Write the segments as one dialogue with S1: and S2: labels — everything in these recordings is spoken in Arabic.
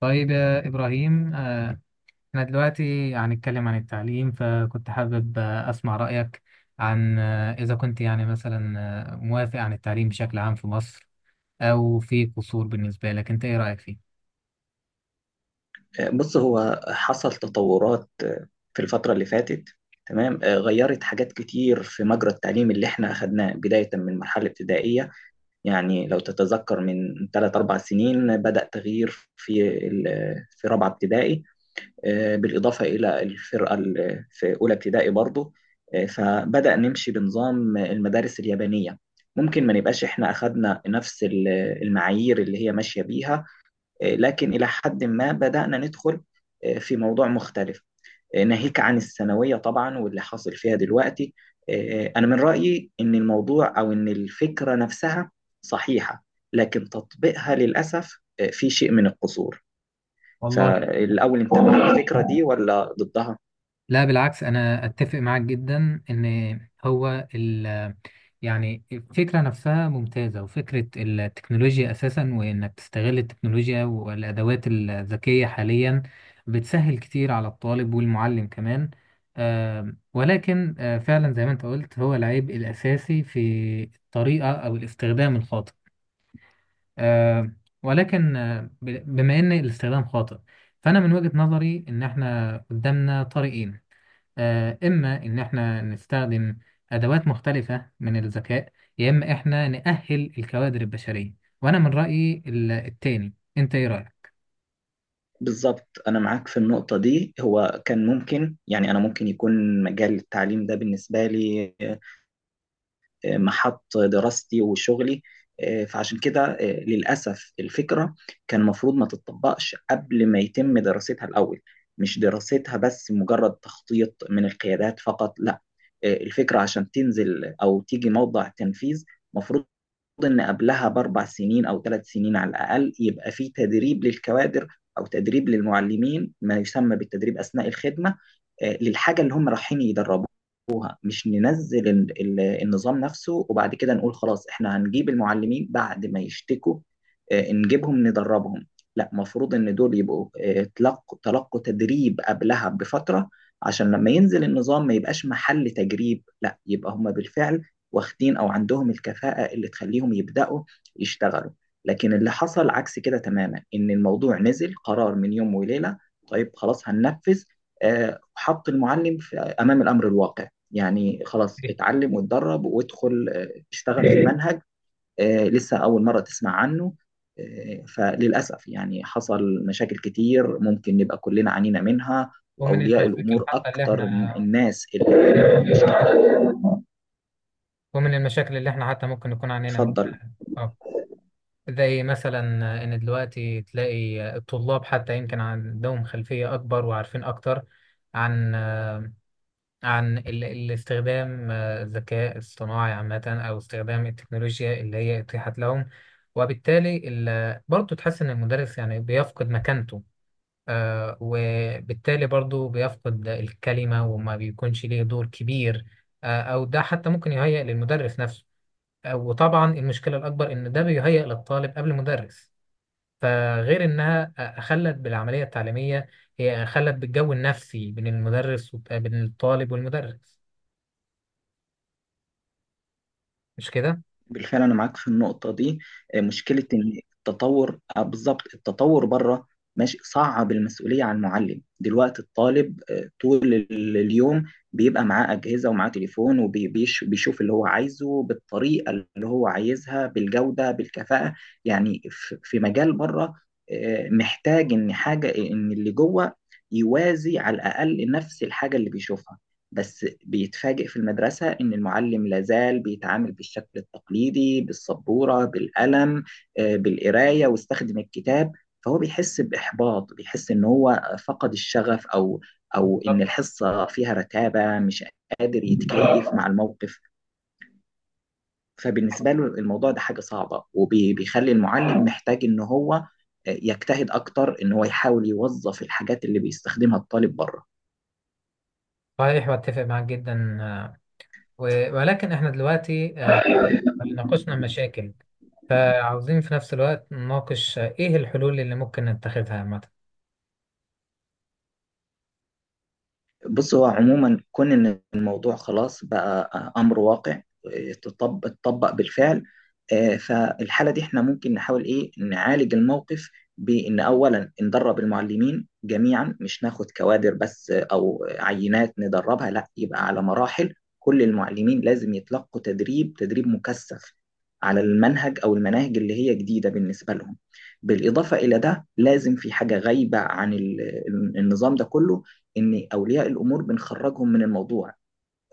S1: طيب يا إبراهيم، إحنا دلوقتي هنتكلم عن التعليم، فكنت حابب أسمع رأيك عن إذا كنت يعني مثلا موافق عن التعليم بشكل عام في مصر، أو في قصور. بالنسبة لك أنت إيه رأيك فيه؟
S2: بص هو حصل تطورات في الفترة اللي فاتت. تمام، غيرت حاجات كتير في مجرى التعليم اللي احنا أخدناه بداية من مرحلة ابتدائية. يعني لو تتذكر من 3 أربع سنين بدأ تغيير في رابعة ابتدائي، بالإضافة إلى في أولى ابتدائي برضو. فبدأ نمشي بنظام المدارس اليابانية. ممكن ما نبقاش احنا أخدنا نفس المعايير اللي هي ماشية بيها، لكن إلى حد ما بدأنا ندخل في موضوع مختلف. ناهيك عن الثانوية طبعا واللي حاصل فيها دلوقتي. أنا من رأيي إن الموضوع أو إن الفكرة نفسها صحيحة، لكن تطبيقها للأسف في شيء من القصور.
S1: والله.
S2: فالأول أنت مع الفكرة دي ولا ضدها؟
S1: لا بالعكس، أنا أتفق معاك جدا إن هو يعني الفكرة نفسها ممتازة، وفكرة التكنولوجيا أساسا وإنك تستغل التكنولوجيا والأدوات الذكية حاليا بتسهل كتير على الطالب والمعلم كمان. ولكن فعلا زي ما أنت قلت، هو العيب الأساسي في الطريقة أو الاستخدام الخاطئ. ولكن بما إن الاستخدام خاطئ، فأنا من وجهة نظري إن إحنا قدامنا طريقين، إما إن إحنا نستخدم أدوات مختلفة من الذكاء، يا إما إحنا نأهل الكوادر البشرية. وأنا من رأيي التاني. أنت إيه رأيك؟
S2: بالظبط، أنا معاك في النقطة دي. هو كان ممكن يعني أنا ممكن يكون مجال التعليم ده بالنسبة لي محط دراستي وشغلي. فعشان كده للأسف الفكرة كان المفروض ما تتطبقش قبل ما يتم دراستها الأول، مش دراستها بس، مجرد تخطيط من القيادات فقط، لا. الفكرة عشان تنزل أو تيجي موضع تنفيذ مفروض ان قبلها ب4 سنين او 3 سنين على الاقل يبقى في تدريب للكوادر او تدريب للمعلمين ما يسمى بالتدريب اثناء الخدمه، للحاجه اللي هم رايحين يدربوها. مش ننزل النظام نفسه وبعد كده نقول خلاص احنا هنجيب المعلمين بعد ما يشتكوا نجيبهم ندربهم. لا، مفروض ان دول يبقوا تلقوا تدريب قبلها بفتره، عشان لما ينزل النظام ما يبقاش محل تجريب، لا يبقى هم بالفعل واخدين او عندهم الكفاءة اللي تخليهم يبدأوا يشتغلوا. لكن اللي حصل عكس كده تماما، ان الموضوع نزل قرار من يوم وليلة. طيب خلاص هننفذ، حط المعلم في امام الامر الواقع. يعني خلاص
S1: إيه.
S2: اتعلم واتدرب وادخل اشتغل في منهج لسه اول مرة تسمع عنه. فللاسف يعني حصل مشاكل كتير ممكن نبقى كلنا عانينا منها،
S1: ومن
S2: واولياء
S1: المشاكل
S2: الامور
S1: حتى اللي إحنا
S2: اكتر الناس اللي مش...
S1: ومن المشاكل اللي إحنا حتى ممكن نكون عانينا منها.
S2: اتفضل.
S1: أه، زي مثلا إن دلوقتي تلاقي الطلاب حتى يمكن عندهم خلفية أكبر وعارفين أكتر عن الاستخدام، الذكاء الصناعي عامة، أو استخدام التكنولوجيا اللي هي اتيحت لهم. وبالتالي برضه تحس إن المدرس يعني بيفقد مكانته، وبالتالي برضه بيفقد الكلمة وما بيكونش ليه دور كبير. أو ده حتى ممكن يهيئ للمدرس نفسه. وطبعا المشكلة الأكبر إن ده بيهيئ للطالب قبل المدرس. فغير إنها خلت بالعملية التعليمية، هي خلت بالجو النفسي بين المدرس وبين الطالب والمدرس، مش كده؟
S2: بالفعل انا معاك في النقطه دي. مشكله ان التطور، بالظبط التطور بره ماشي صعب. المسؤوليه على المعلم دلوقتي، الطالب طول اليوم بيبقى معاه اجهزه ومعاه تليفون وبيشوف اللي هو عايزه بالطريقه اللي هو عايزها بالجوده بالكفاءه. يعني في مجال بره، محتاج ان حاجه ان اللي جوه يوازي على الاقل نفس الحاجه اللي بيشوفها. بس بيتفاجئ في المدرسة إن المعلم لازال بيتعامل بالشكل التقليدي بالسبورة بالقلم بالقراية واستخدم الكتاب. فهو بيحس بإحباط، بيحس إن هو فقد الشغف، أو إن
S1: بالظبط.
S2: الحصة فيها رتابة، مش قادر يتكيف مع الموقف. فبالنسبة له الموضوع ده حاجة صعبة، وبيخلي المعلم محتاج إن هو يجتهد أكتر إن هو يحاول يوظف الحاجات اللي بيستخدمها الطالب بره.
S1: صحيح، واتفق معاك جدا. ولكن احنا دلوقتي ناقشنا المشاكل، فعاوزين في نفس الوقت نناقش ايه الحلول اللي ممكن نتخذها.
S2: بص، هو عموما كون ان الموضوع خلاص بقى امر واقع، اتطبق بالفعل. فالحاله دي احنا ممكن نحاول ايه نعالج الموقف بان اولا ندرب المعلمين جميعا، مش ناخد كوادر بس او عينات ندربها، لا، يبقى على مراحل كل المعلمين لازم يتلقوا تدريب مكثف على المنهج او المناهج اللي هي جديده بالنسبه لهم. بالاضافه الى ده، لازم في حاجه غايبه عن النظام ده كله، ان اولياء الامور بنخرجهم من الموضوع،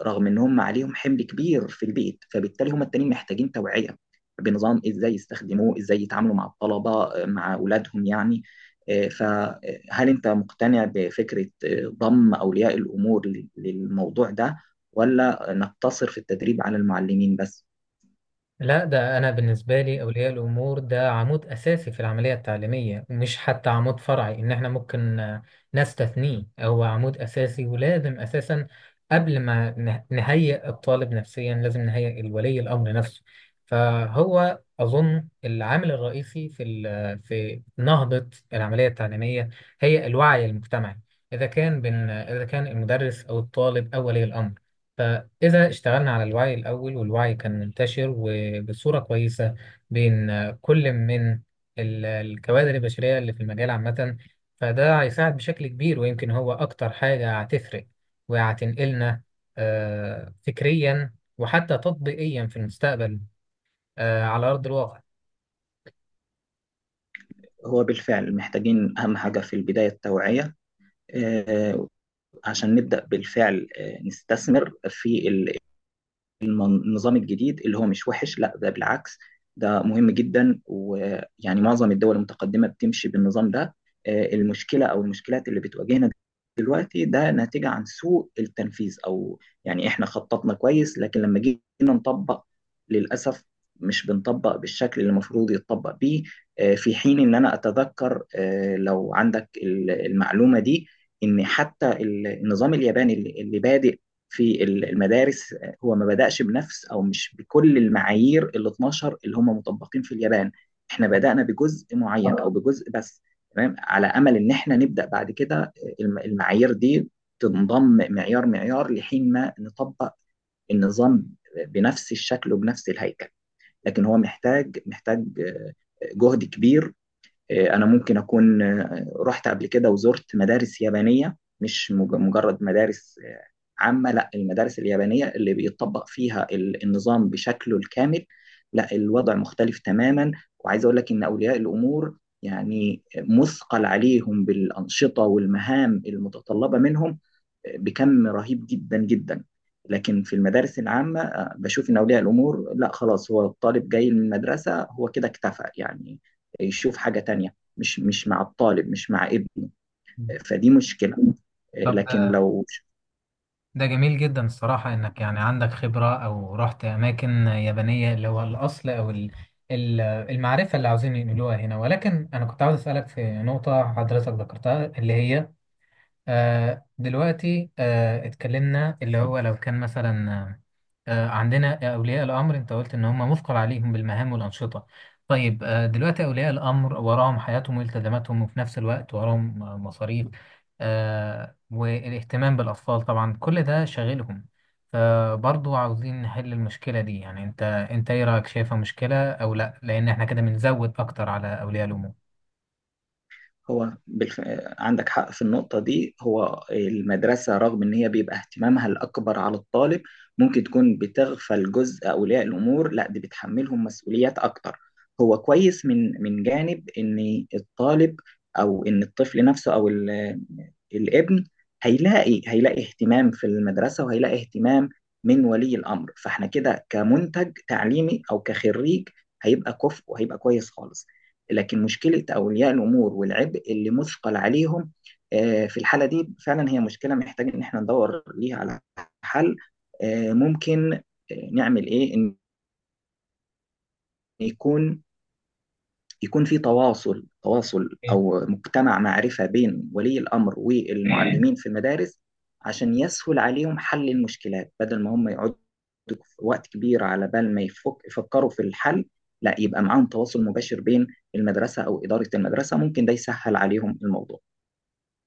S2: رغم ان هم عليهم حمل كبير في البيت. فبالتالي هم التانيين محتاجين توعيه بنظام ازاي يستخدموه، ازاي يتعاملوا مع الطلبه، مع اولادهم يعني. فهل انت مقتنع بفكره ضم اولياء الامور للموضوع ده، ولا نقتصر في التدريب على المعلمين بس؟
S1: لا، ده أنا بالنسبة لي أولياء الأمور ده عمود أساسي في العملية التعليمية، مش حتى عمود فرعي إن إحنا ممكن نستثنيه. هو عمود أساسي، ولازم أساسا قبل ما نهيئ الطالب نفسيا لازم نهيئ الولي الأمر نفسه. فهو أظن العامل الرئيسي في نهضة العملية التعليمية هي الوعي المجتمعي. إذا كان المدرس أو الطالب أو ولي الأمر، إذا اشتغلنا على الوعي الأول والوعي كان منتشر وبصورة كويسة بين كل من الكوادر البشرية اللي في المجال عامة، فده هيساعد بشكل كبير، ويمكن هو أكتر حاجة هتفرق وهتنقلنا فكريا وحتى تطبيقيا في المستقبل، على أرض الواقع.
S2: هو بالفعل محتاجين اهم حاجه في البدايه التوعيه، آه، عشان نبدأ بالفعل نستثمر في النظام الجديد اللي هو مش وحش، لا، ده بالعكس، ده مهم جدا. ويعني معظم الدول المتقدمة بتمشي بالنظام ده. المشكلة أو المشكلات اللي بتواجهنا دلوقتي ده ناتجة عن سوء التنفيذ، أو يعني إحنا خططنا كويس لكن لما جينا نطبق، للأسف، مش بنطبق بالشكل اللي المفروض يتطبق بيه. في حين إن أنا أتذكر، لو عندك المعلومة دي، إن حتى النظام الياباني اللي بادئ في المدارس هو ما بدأش بنفس او مش بكل المعايير ال 12 اللي هم مطبقين في اليابان. احنا بدأنا بجزء معين او بجزء بس، تمام، على امل ان احنا نبدأ بعد كده المعايير دي تنضم معيار معيار لحين ما نطبق النظام بنفس الشكل وبنفس الهيكل. لكن هو محتاج جهد كبير. انا ممكن اكون رحت قبل كده وزرت مدارس يابانيه، مش مجرد مدارس عامه، لا، المدارس اليابانيه اللي بيطبق فيها النظام بشكله الكامل، لا، الوضع مختلف تماما. وعايز اقول لك ان اولياء الامور يعني مثقل عليهم بالانشطه والمهام المتطلبه منهم بكم رهيب جدا جدا. لكن في المدارس العامة، بشوف إن أولياء الأمور لا، خلاص، هو الطالب جاي من المدرسة، هو كده اكتفى، يعني يشوف حاجة تانية مش مع الطالب مش مع ابنه. فدي مشكلة.
S1: طب،
S2: لكن لو...
S1: ده جميل جدا الصراحة إنك يعني عندك خبرة أو رحت أماكن يابانية اللي هو الأصل، أو المعرفة اللي عاوزين ينقلوها هنا. ولكن أنا كنت عاوز أسألك في نقطة حضرتك ذكرتها، اللي هي آه دلوقتي آه اتكلمنا اللي هو لو كان مثلا، عندنا أولياء الأمر، أنت قلت إن هم مثقل عليهم بالمهام والأنشطة. طيب، دلوقتي أولياء الأمر وراهم حياتهم والتزاماتهم، وفي نفس الوقت وراهم مصاريف، والاهتمام بالأطفال، طبعا كل ده شاغلهم. فبرضه عاوزين نحل المشكلة دي. يعني أنت إيه رأيك، شايفها مشكلة أو لأ؟ لأن إحنا كده بنزود أكتر على أولياء الأمور.
S2: هو عندك حق في النقطة دي. هو المدرسة رغم إن هي بيبقى اهتمامها الأكبر على الطالب، ممكن تكون بتغفل جزء أولياء الأمور، لا، دي بتحملهم مسؤوليات أكتر. هو كويس من جانب إن الطالب أو إن الطفل نفسه أو الابن هيلاقي اهتمام في المدرسة، وهيلاقي اهتمام من ولي الأمر. فإحنا كده كمنتج تعليمي أو كخريج هيبقى كفء وهيبقى كويس خالص. لكن مشكلة أولياء الأمور والعبء اللي مثقل عليهم في الحالة دي فعلا هي مشكلة، محتاج إن احنا ندور ليها على حل. ممكن نعمل إيه؟ إن يكون يكون في تواصل أو مجتمع معرفة بين ولي الأمر والمعلمين في المدارس، عشان يسهل عليهم حل المشكلات بدل ما هم يقعدوا وقت كبير على بال ما يفكروا في الحل. لا، يبقى معاهم تواصل مباشر بين المدرسة أو إدارة المدرسة، ممكن ده يسهل عليهم الموضوع.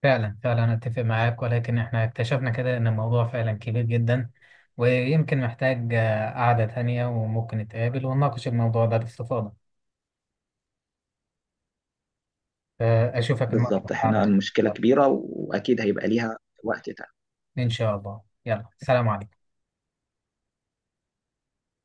S1: فعلا، فعلا، أنا أتفق معاك. ولكن إحنا اكتشفنا كده إن الموضوع فعلا كبير جدا، ويمكن محتاج قعدة تانية، وممكن نتقابل ونناقش الموضوع ده باستفاضة. فأشوفك المرة
S2: بالظبط،
S1: الجاية على
S2: احنا
S1: خير.
S2: المشكلة كبيرة واكيد هيبقى ليها وقت تاني.
S1: إن شاء الله، يلا، سلام عليكم.